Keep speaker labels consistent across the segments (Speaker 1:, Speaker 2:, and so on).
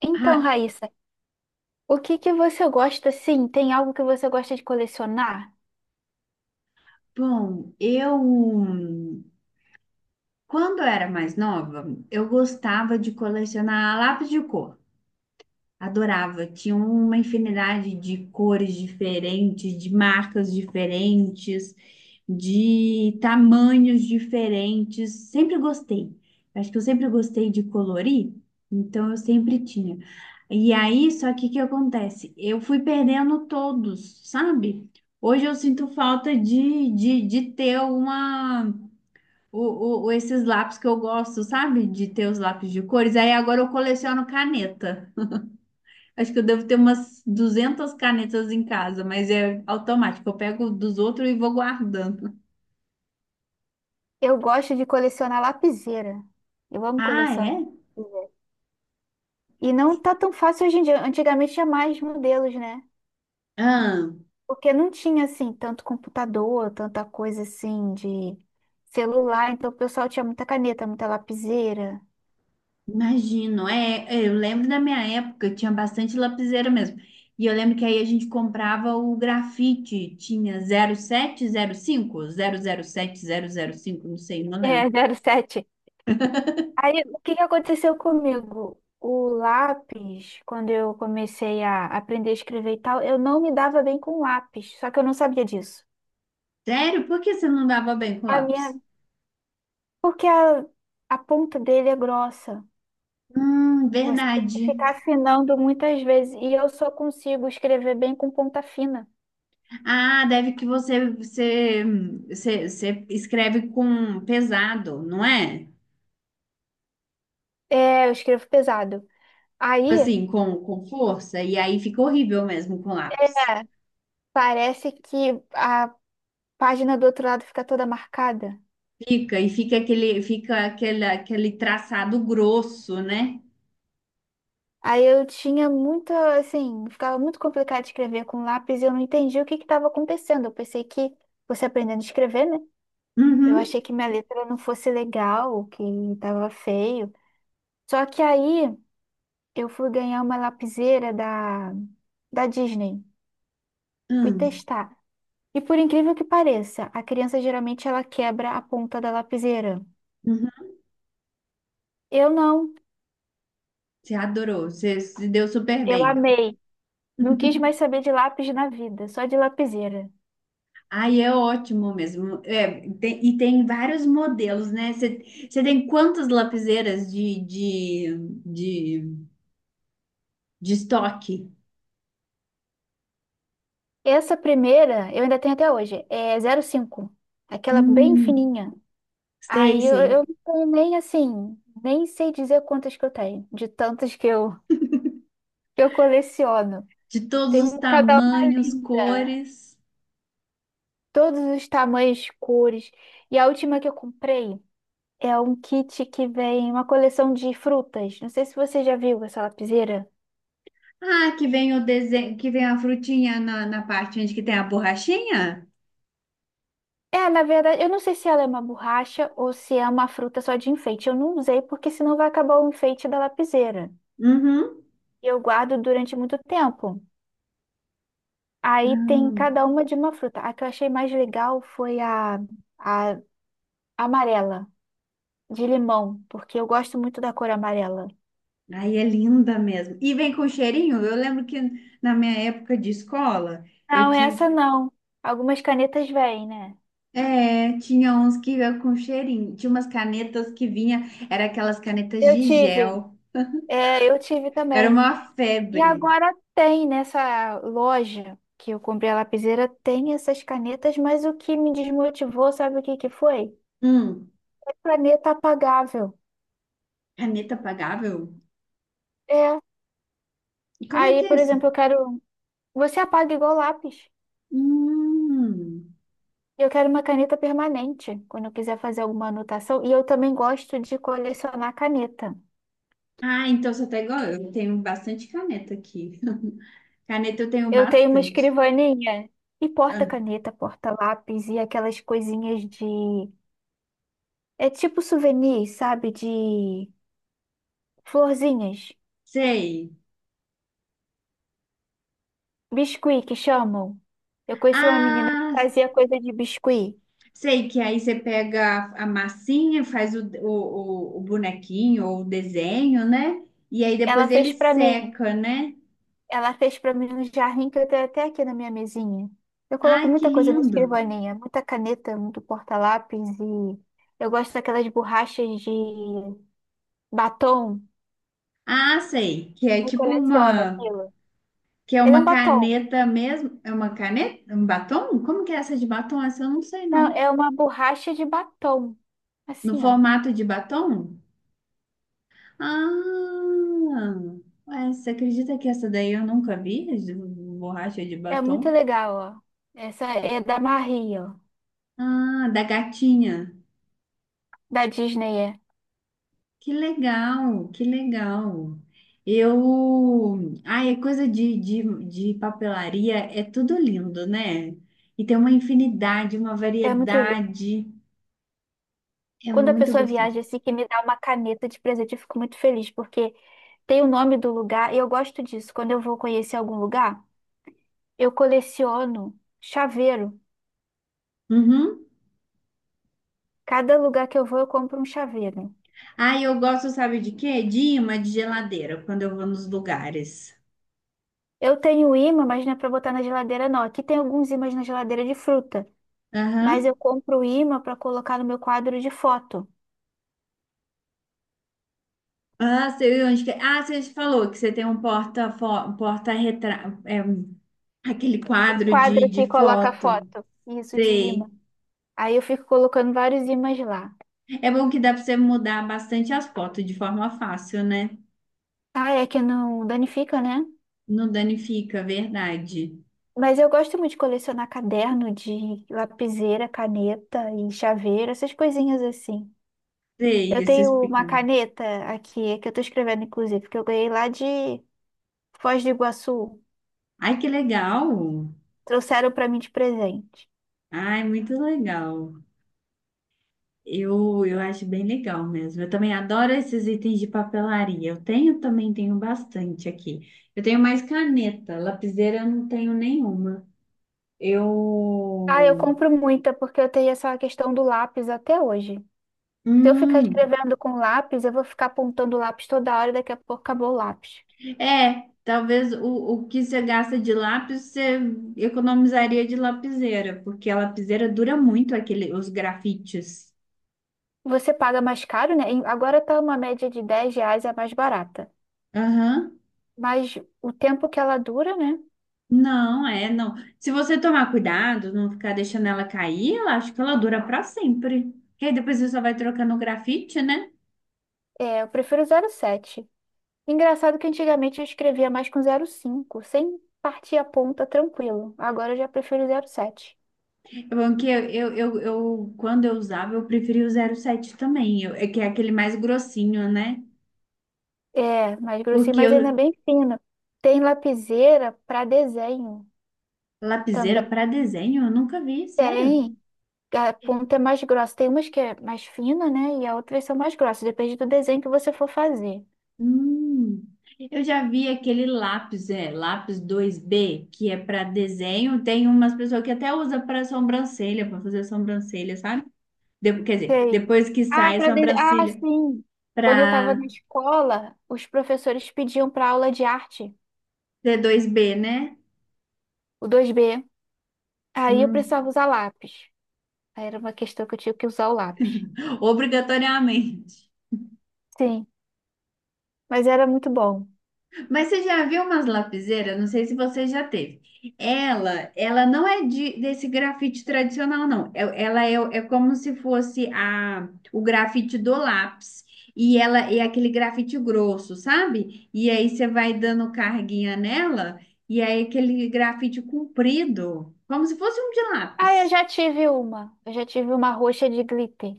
Speaker 1: Então,
Speaker 2: Ah,
Speaker 1: Raíssa, o que que você gosta, sim? Tem algo que você gosta de colecionar?
Speaker 2: bom, eu quando eu era mais nova, eu gostava de colecionar lápis de cor. Adorava. Tinha uma infinidade de cores diferentes, de marcas diferentes, de tamanhos diferentes. Sempre gostei. Acho que eu sempre gostei de colorir, então eu sempre tinha. E aí, só que o que acontece? Eu fui perdendo todos, sabe? Hoje eu sinto falta de ter esses lápis que eu gosto, sabe? De ter os lápis de cores. Aí agora eu coleciono caneta. Acho que eu devo ter umas 200 canetas em casa, mas é automático. Eu pego dos outros e vou guardando.
Speaker 1: Eu gosto de colecionar lapiseira. Eu amo
Speaker 2: Ah,
Speaker 1: colecionar.
Speaker 2: é?
Speaker 1: E não tá tão fácil hoje em dia. Antigamente tinha mais modelos, né?
Speaker 2: Ah,
Speaker 1: Porque não tinha, assim, tanto computador, tanta coisa, assim, de celular. Então, o pessoal tinha muita caneta, muita lapiseira.
Speaker 2: imagino. Eu lembro da minha época, tinha bastante lapiseira mesmo. E eu lembro que aí a gente comprava o grafite. Tinha zero sete, zero cinco, zero zero sete sete cinco zero zero cinco. Não sei, não lembro.
Speaker 1: É, 0,7. Aí, o que que aconteceu comigo? O lápis, quando eu comecei a aprender a escrever e tal, eu não me dava bem com lápis, só que eu não sabia disso.
Speaker 2: Sério? Por que você não dava bem com
Speaker 1: A minha,
Speaker 2: lápis?
Speaker 1: porque a ponta dele é grossa. Você tem que
Speaker 2: Verdade.
Speaker 1: ficar afinando muitas vezes e eu só consigo escrever bem com ponta fina.
Speaker 2: Ah, deve que você escreve com pesado, não é?
Speaker 1: É, eu escrevo pesado. Aí,
Speaker 2: Assim, com força, e aí fica horrível mesmo com
Speaker 1: é,
Speaker 2: lápis.
Speaker 1: parece que a página do outro lado fica toda marcada.
Speaker 2: Fica, e fica aquele traçado grosso, né?
Speaker 1: Aí eu tinha muita, assim, ficava muito complicado de escrever com lápis e eu não entendi o que que estava acontecendo. Eu pensei que você aprendendo a escrever, né? Eu
Speaker 2: Uhum,
Speaker 1: achei que minha letra não fosse legal, que estava feio. Só que aí eu fui ganhar uma lapiseira da Disney. Fui
Speaker 2: hum,
Speaker 1: testar. E por incrível que pareça, a criança geralmente ela quebra a ponta da lapiseira.
Speaker 2: uhum.
Speaker 1: Eu não.
Speaker 2: Você adorou, você se deu super
Speaker 1: Eu
Speaker 2: bem.
Speaker 1: amei. Não quis mais saber de lápis na vida, só de lapiseira.
Speaker 2: Aí é ótimo mesmo. É, e tem vários modelos, né? Você tem quantas lapiseiras de, de estoque?
Speaker 1: Essa primeira, eu ainda tenho até hoje, é 0,5, aquela bem
Speaker 2: Hum.
Speaker 1: fininha.
Speaker 2: Sei,
Speaker 1: Aí eu,
Speaker 2: sei.
Speaker 1: eu não tenho nem assim, nem sei dizer quantas que eu tenho, de tantas que eu coleciono.
Speaker 2: De todos
Speaker 1: Tem
Speaker 2: os
Speaker 1: um- cada uma
Speaker 2: tamanhos,
Speaker 1: linda,
Speaker 2: cores.
Speaker 1: todos os tamanhos, cores. E a última que eu comprei é um kit que vem uma coleção de frutas. Não sei se você já viu essa lapiseira.
Speaker 2: Ah, que vem o desenho, que vem a frutinha na parte onde que tem a borrachinha?
Speaker 1: É, na verdade, eu não sei se ela é uma borracha ou se é uma fruta só de enfeite. Eu não usei porque senão vai acabar o enfeite da lapiseira.
Speaker 2: Uhum.
Speaker 1: E eu guardo durante muito tempo. Aí tem cada uma de uma fruta. A que eu achei mais legal foi a amarela, de limão, porque eu gosto muito da cor amarela.
Speaker 2: Ah, aí é linda mesmo. E vem com cheirinho. Eu lembro que na minha época de escola, eu
Speaker 1: Não,
Speaker 2: tinha,
Speaker 1: essa não. Algumas canetas vêm, né?
Speaker 2: tinha uns que vinha com cheirinho. Tinha umas canetas que vinha, era aquelas canetas
Speaker 1: Eu
Speaker 2: de
Speaker 1: tive.
Speaker 2: gel.
Speaker 1: É, eu tive
Speaker 2: Era
Speaker 1: também.
Speaker 2: uma
Speaker 1: E
Speaker 2: febre.
Speaker 1: agora tem nessa loja que eu comprei a lapiseira, tem essas canetas, mas o que me desmotivou, sabe o que que foi?
Speaker 2: Hum,
Speaker 1: É caneta apagável.
Speaker 2: caneta pagável?
Speaker 1: É.
Speaker 2: E como é
Speaker 1: Aí,
Speaker 2: que é
Speaker 1: por
Speaker 2: isso?
Speaker 1: exemplo, eu quero. Você apaga igual lápis.
Speaker 2: Hum.
Speaker 1: Eu quero uma caneta permanente, quando eu quiser fazer alguma anotação. E eu também gosto de colecionar caneta.
Speaker 2: Ah, então você tá igual eu. Eu tenho bastante caneta aqui. Caneta eu tenho
Speaker 1: Eu tenho uma
Speaker 2: bastante.
Speaker 1: escrivaninha e
Speaker 2: Ah,
Speaker 1: porta-caneta, porta-lápis e aquelas coisinhas de. É tipo souvenir, sabe? De florzinhas.
Speaker 2: sei.
Speaker 1: Biscuit que chamam. Eu conheci uma menina que
Speaker 2: Ah,
Speaker 1: fazia coisa de biscuit.
Speaker 2: sei que aí você pega a massinha, faz o bonequinho ou o desenho, né? E aí
Speaker 1: Ela
Speaker 2: depois ele
Speaker 1: fez pra mim.
Speaker 2: seca, né?
Speaker 1: Ela fez para mim um jarrinho que eu tenho até aqui na minha mesinha. Eu
Speaker 2: Ai,
Speaker 1: coloco
Speaker 2: que
Speaker 1: muita coisa na
Speaker 2: lindo.
Speaker 1: escrivaninha, muita caneta, muito porta-lápis, e eu gosto daquelas borrachas de batom.
Speaker 2: Ah, sei. Que é
Speaker 1: Eu
Speaker 2: tipo
Speaker 1: coleciono
Speaker 2: uma.
Speaker 1: aquilo.
Speaker 2: Que é
Speaker 1: Ele é um
Speaker 2: uma
Speaker 1: batom.
Speaker 2: caneta mesmo. É uma caneta? Um batom? Como que é essa de batom? Essa eu não sei,
Speaker 1: Não,
Speaker 2: não.
Speaker 1: é uma borracha de batom.
Speaker 2: No
Speaker 1: Assim, ó.
Speaker 2: formato de batom? Ah, ué, você acredita que essa daí eu nunca vi? As de Borracha de
Speaker 1: É muito
Speaker 2: batom?
Speaker 1: legal, ó. Essa é da Marie, ó.
Speaker 2: Ah, da gatinha.
Speaker 1: Da Disney, é.
Speaker 2: Que legal, que legal. Eu. Ai, é coisa de papelaria, é tudo lindo, né? E tem uma infinidade, uma
Speaker 1: É muito lindo.
Speaker 2: variedade. É
Speaker 1: Quando a
Speaker 2: muito
Speaker 1: pessoa
Speaker 2: gostoso.
Speaker 1: viaja assim, que me dá uma caneta de presente, eu fico muito feliz, porque tem o nome do lugar e eu gosto disso. Quando eu vou conhecer algum lugar, eu coleciono chaveiro.
Speaker 2: Uhum.
Speaker 1: Cada lugar que eu vou, eu compro um chaveiro.
Speaker 2: Ah, eu gosto, sabe de quê? De imã de geladeira, quando eu vou nos lugares.
Speaker 1: Eu tenho ímã, mas não é para botar na geladeira, não. Aqui tem alguns ímãs na geladeira de fruta, mas
Speaker 2: Aham.
Speaker 1: eu compro ímã para colocar no meu quadro de foto.
Speaker 2: Ah, sei onde que é. Ah, você falou que você tem um porta retrato, aquele
Speaker 1: O
Speaker 2: quadro
Speaker 1: quadro que
Speaker 2: de
Speaker 1: coloca
Speaker 2: foto.
Speaker 1: foto. Isso, de ímã.
Speaker 2: Sei.
Speaker 1: Aí eu fico colocando vários ímãs lá.
Speaker 2: É bom que dá para você mudar bastante as fotos de forma fácil, né?
Speaker 1: Ah, é que não danifica, né?
Speaker 2: Não danifica, verdade.
Speaker 1: Mas eu gosto muito de colecionar caderno, de lapiseira, caneta e chaveiro, essas coisinhas assim.
Speaker 2: Sei,
Speaker 1: Eu tenho
Speaker 2: esses
Speaker 1: uma
Speaker 2: pequenos.
Speaker 1: caneta aqui, que eu tô escrevendo, inclusive, que eu ganhei lá de Foz do Iguaçu.
Speaker 2: Ai, que legal.
Speaker 1: Trouxeram pra mim de presente.
Speaker 2: Ai, muito legal. Eu acho bem legal mesmo. Eu também adoro esses itens de papelaria. Eu tenho também, tenho bastante aqui. Eu tenho mais caneta, lapiseira eu não tenho nenhuma.
Speaker 1: Ah, eu
Speaker 2: Eu.
Speaker 1: compro muita porque eu tenho essa questão do lápis até hoje. Se eu ficar
Speaker 2: Hum,
Speaker 1: escrevendo com lápis, eu vou ficar apontando o lápis toda hora e daqui a pouco acabou o lápis.
Speaker 2: talvez o que você gasta de lápis você economizaria de lapiseira, porque a lapiseira dura muito aquele, os grafites.
Speaker 1: Você paga mais caro, né? E agora tá uma média de 10 reais, é mais barata.
Speaker 2: Aham.
Speaker 1: Mas o tempo que ela dura, né?
Speaker 2: Não, é, não. Se você tomar cuidado, não ficar deixando ela cair, eu acho que ela dura para sempre. E aí depois você só vai trocando o grafite, né?
Speaker 1: É, eu prefiro 0,7. Engraçado que antigamente eu escrevia mais com 0,5 sem partir a ponta tranquilo. Agora eu já prefiro 0,7.
Speaker 2: É bom, que quando eu usava, eu preferia o 07 também, eu- é que é aquele mais grossinho, né?
Speaker 1: É, mais grossinho,
Speaker 2: Porque
Speaker 1: mas ainda
Speaker 2: eu,
Speaker 1: bem fino. Tem lapiseira para desenho
Speaker 2: lapiseira
Speaker 1: também.
Speaker 2: para desenho? Eu nunca vi, sério.
Speaker 1: Tem. A ponta é mais grossa. Tem umas que é mais fina, né? E a outras são mais grossas. Depende do desenho que você for fazer.
Speaker 2: Hum, eu já vi aquele lápis dois b que é para desenho. Tem umas pessoas que até usa para sobrancelha, para fazer sobrancelha, sabe? De- quer dizer,
Speaker 1: Sei.
Speaker 2: depois que
Speaker 1: Ah,
Speaker 2: sai a
Speaker 1: para desenho. Ah,
Speaker 2: sobrancelha
Speaker 1: sim. Quando eu estava na
Speaker 2: para
Speaker 1: escola, os professores pediam para aula de arte,
Speaker 2: ser 2B, né?
Speaker 1: o 2B. Aí eu
Speaker 2: Hum,
Speaker 1: precisava usar lápis. Aí era uma questão que eu tinha que usar o lápis.
Speaker 2: obrigatoriamente.
Speaker 1: Sim, mas era muito bom.
Speaker 2: Mas você já viu umas lapiseiras? Não sei se você já teve. Ela não é desse grafite tradicional, não. Ela é como se fosse o grafite do lápis. E ela é aquele grafite grosso, sabe? E aí você vai dando carguinha nela, e aí aquele grafite comprido, como se fosse um de
Speaker 1: Ah, eu
Speaker 2: lápis.
Speaker 1: já tive uma. Eu já tive uma roxa de glitter.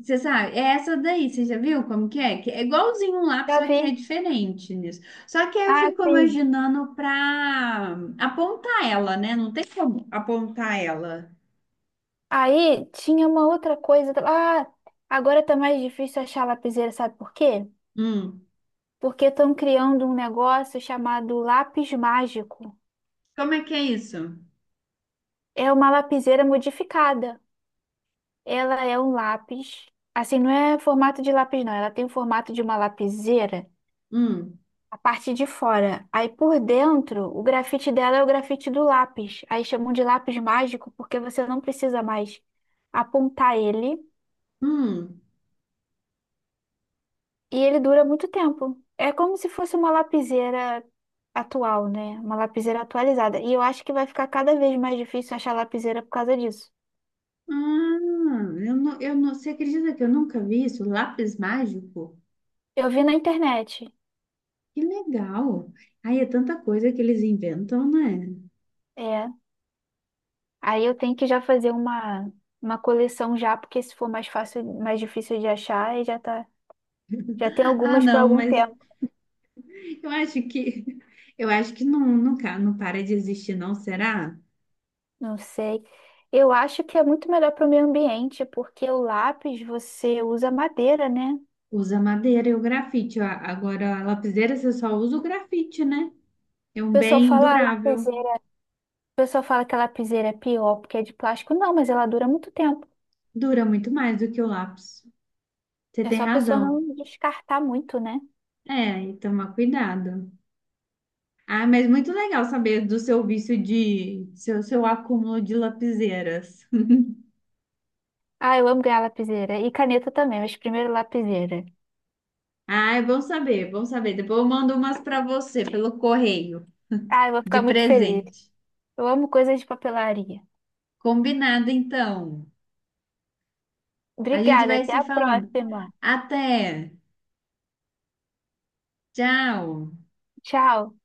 Speaker 2: Você sabe, é essa daí, você já viu como que é? Que é igualzinho um lápis,
Speaker 1: Já
Speaker 2: só que é
Speaker 1: vi.
Speaker 2: diferente nisso. Só que aí eu
Speaker 1: Ah,
Speaker 2: fico
Speaker 1: sim.
Speaker 2: imaginando pra apontar ela, né? Não tem como apontar ela.
Speaker 1: Aí tinha uma outra coisa. Ah, agora tá mais difícil achar lapiseira, sabe por quê?
Speaker 2: Hum.
Speaker 1: Porque estão criando um negócio chamado lápis mágico.
Speaker 2: Como é que é isso?
Speaker 1: É uma lapiseira modificada. Ela é um lápis. Assim, não é formato de lápis, não. Ela tem o formato de uma lapiseira.
Speaker 2: Hum.
Speaker 1: A parte de fora. Aí por dentro, o grafite dela é o grafite do lápis. Aí chamam de lápis mágico porque você não precisa mais apontar ele,
Speaker 2: Hum.
Speaker 1: e ele dura muito tempo. É como se fosse uma lapiseira atual, né? Uma lapiseira atualizada. E eu acho que vai ficar cada vez mais difícil achar lapiseira por causa disso.
Speaker 2: Ah, eu não, você acredita que eu nunca vi isso? Lápis mágico?
Speaker 1: Eu vi na internet.
Speaker 2: Que legal. Aí é tanta coisa que eles inventam, né?
Speaker 1: É. Aí eu tenho que já fazer uma coleção já, porque se for mais fácil, mais difícil de achar, aí já tá, já tem
Speaker 2: Ah,
Speaker 1: algumas para
Speaker 2: não,
Speaker 1: algum
Speaker 2: mas
Speaker 1: tempo.
Speaker 2: eu acho que eu acho que não, não, não para de existir, não, será?
Speaker 1: Não sei. Eu acho que é muito melhor para o meio ambiente, porque o lápis você usa madeira, né? O
Speaker 2: Usa madeira e o grafite. Agora, a lapiseira você só usa o grafite, né? É um
Speaker 1: pessoal
Speaker 2: bem
Speaker 1: fala "Ah,
Speaker 2: durável.
Speaker 1: lapiseira", o pessoal fala que a lapiseira é pior porque é de plástico. Não, mas ela dura muito tempo.
Speaker 2: Dura muito mais do que o lápis. Você
Speaker 1: É
Speaker 2: tem
Speaker 1: só a pessoa
Speaker 2: razão.
Speaker 1: não descartar muito, né?
Speaker 2: É, e tomar cuidado. Ah, mas muito legal saber do seu vício de. Seu, acúmulo de lapiseiras.
Speaker 1: Ah, eu amo ganhar lapiseira. E caneta também, mas primeiro lapiseira.
Speaker 2: Ah, é bom saber, é bom saber. Depois eu mando umas para você pelo correio,
Speaker 1: Ah, eu vou
Speaker 2: de
Speaker 1: ficar muito feliz.
Speaker 2: presente.
Speaker 1: Eu amo coisas de papelaria.
Speaker 2: Combinado, então. A gente
Speaker 1: Obrigada,
Speaker 2: vai
Speaker 1: até
Speaker 2: se
Speaker 1: a
Speaker 2: falando.
Speaker 1: próxima.
Speaker 2: Até! Tchau!
Speaker 1: Tchau.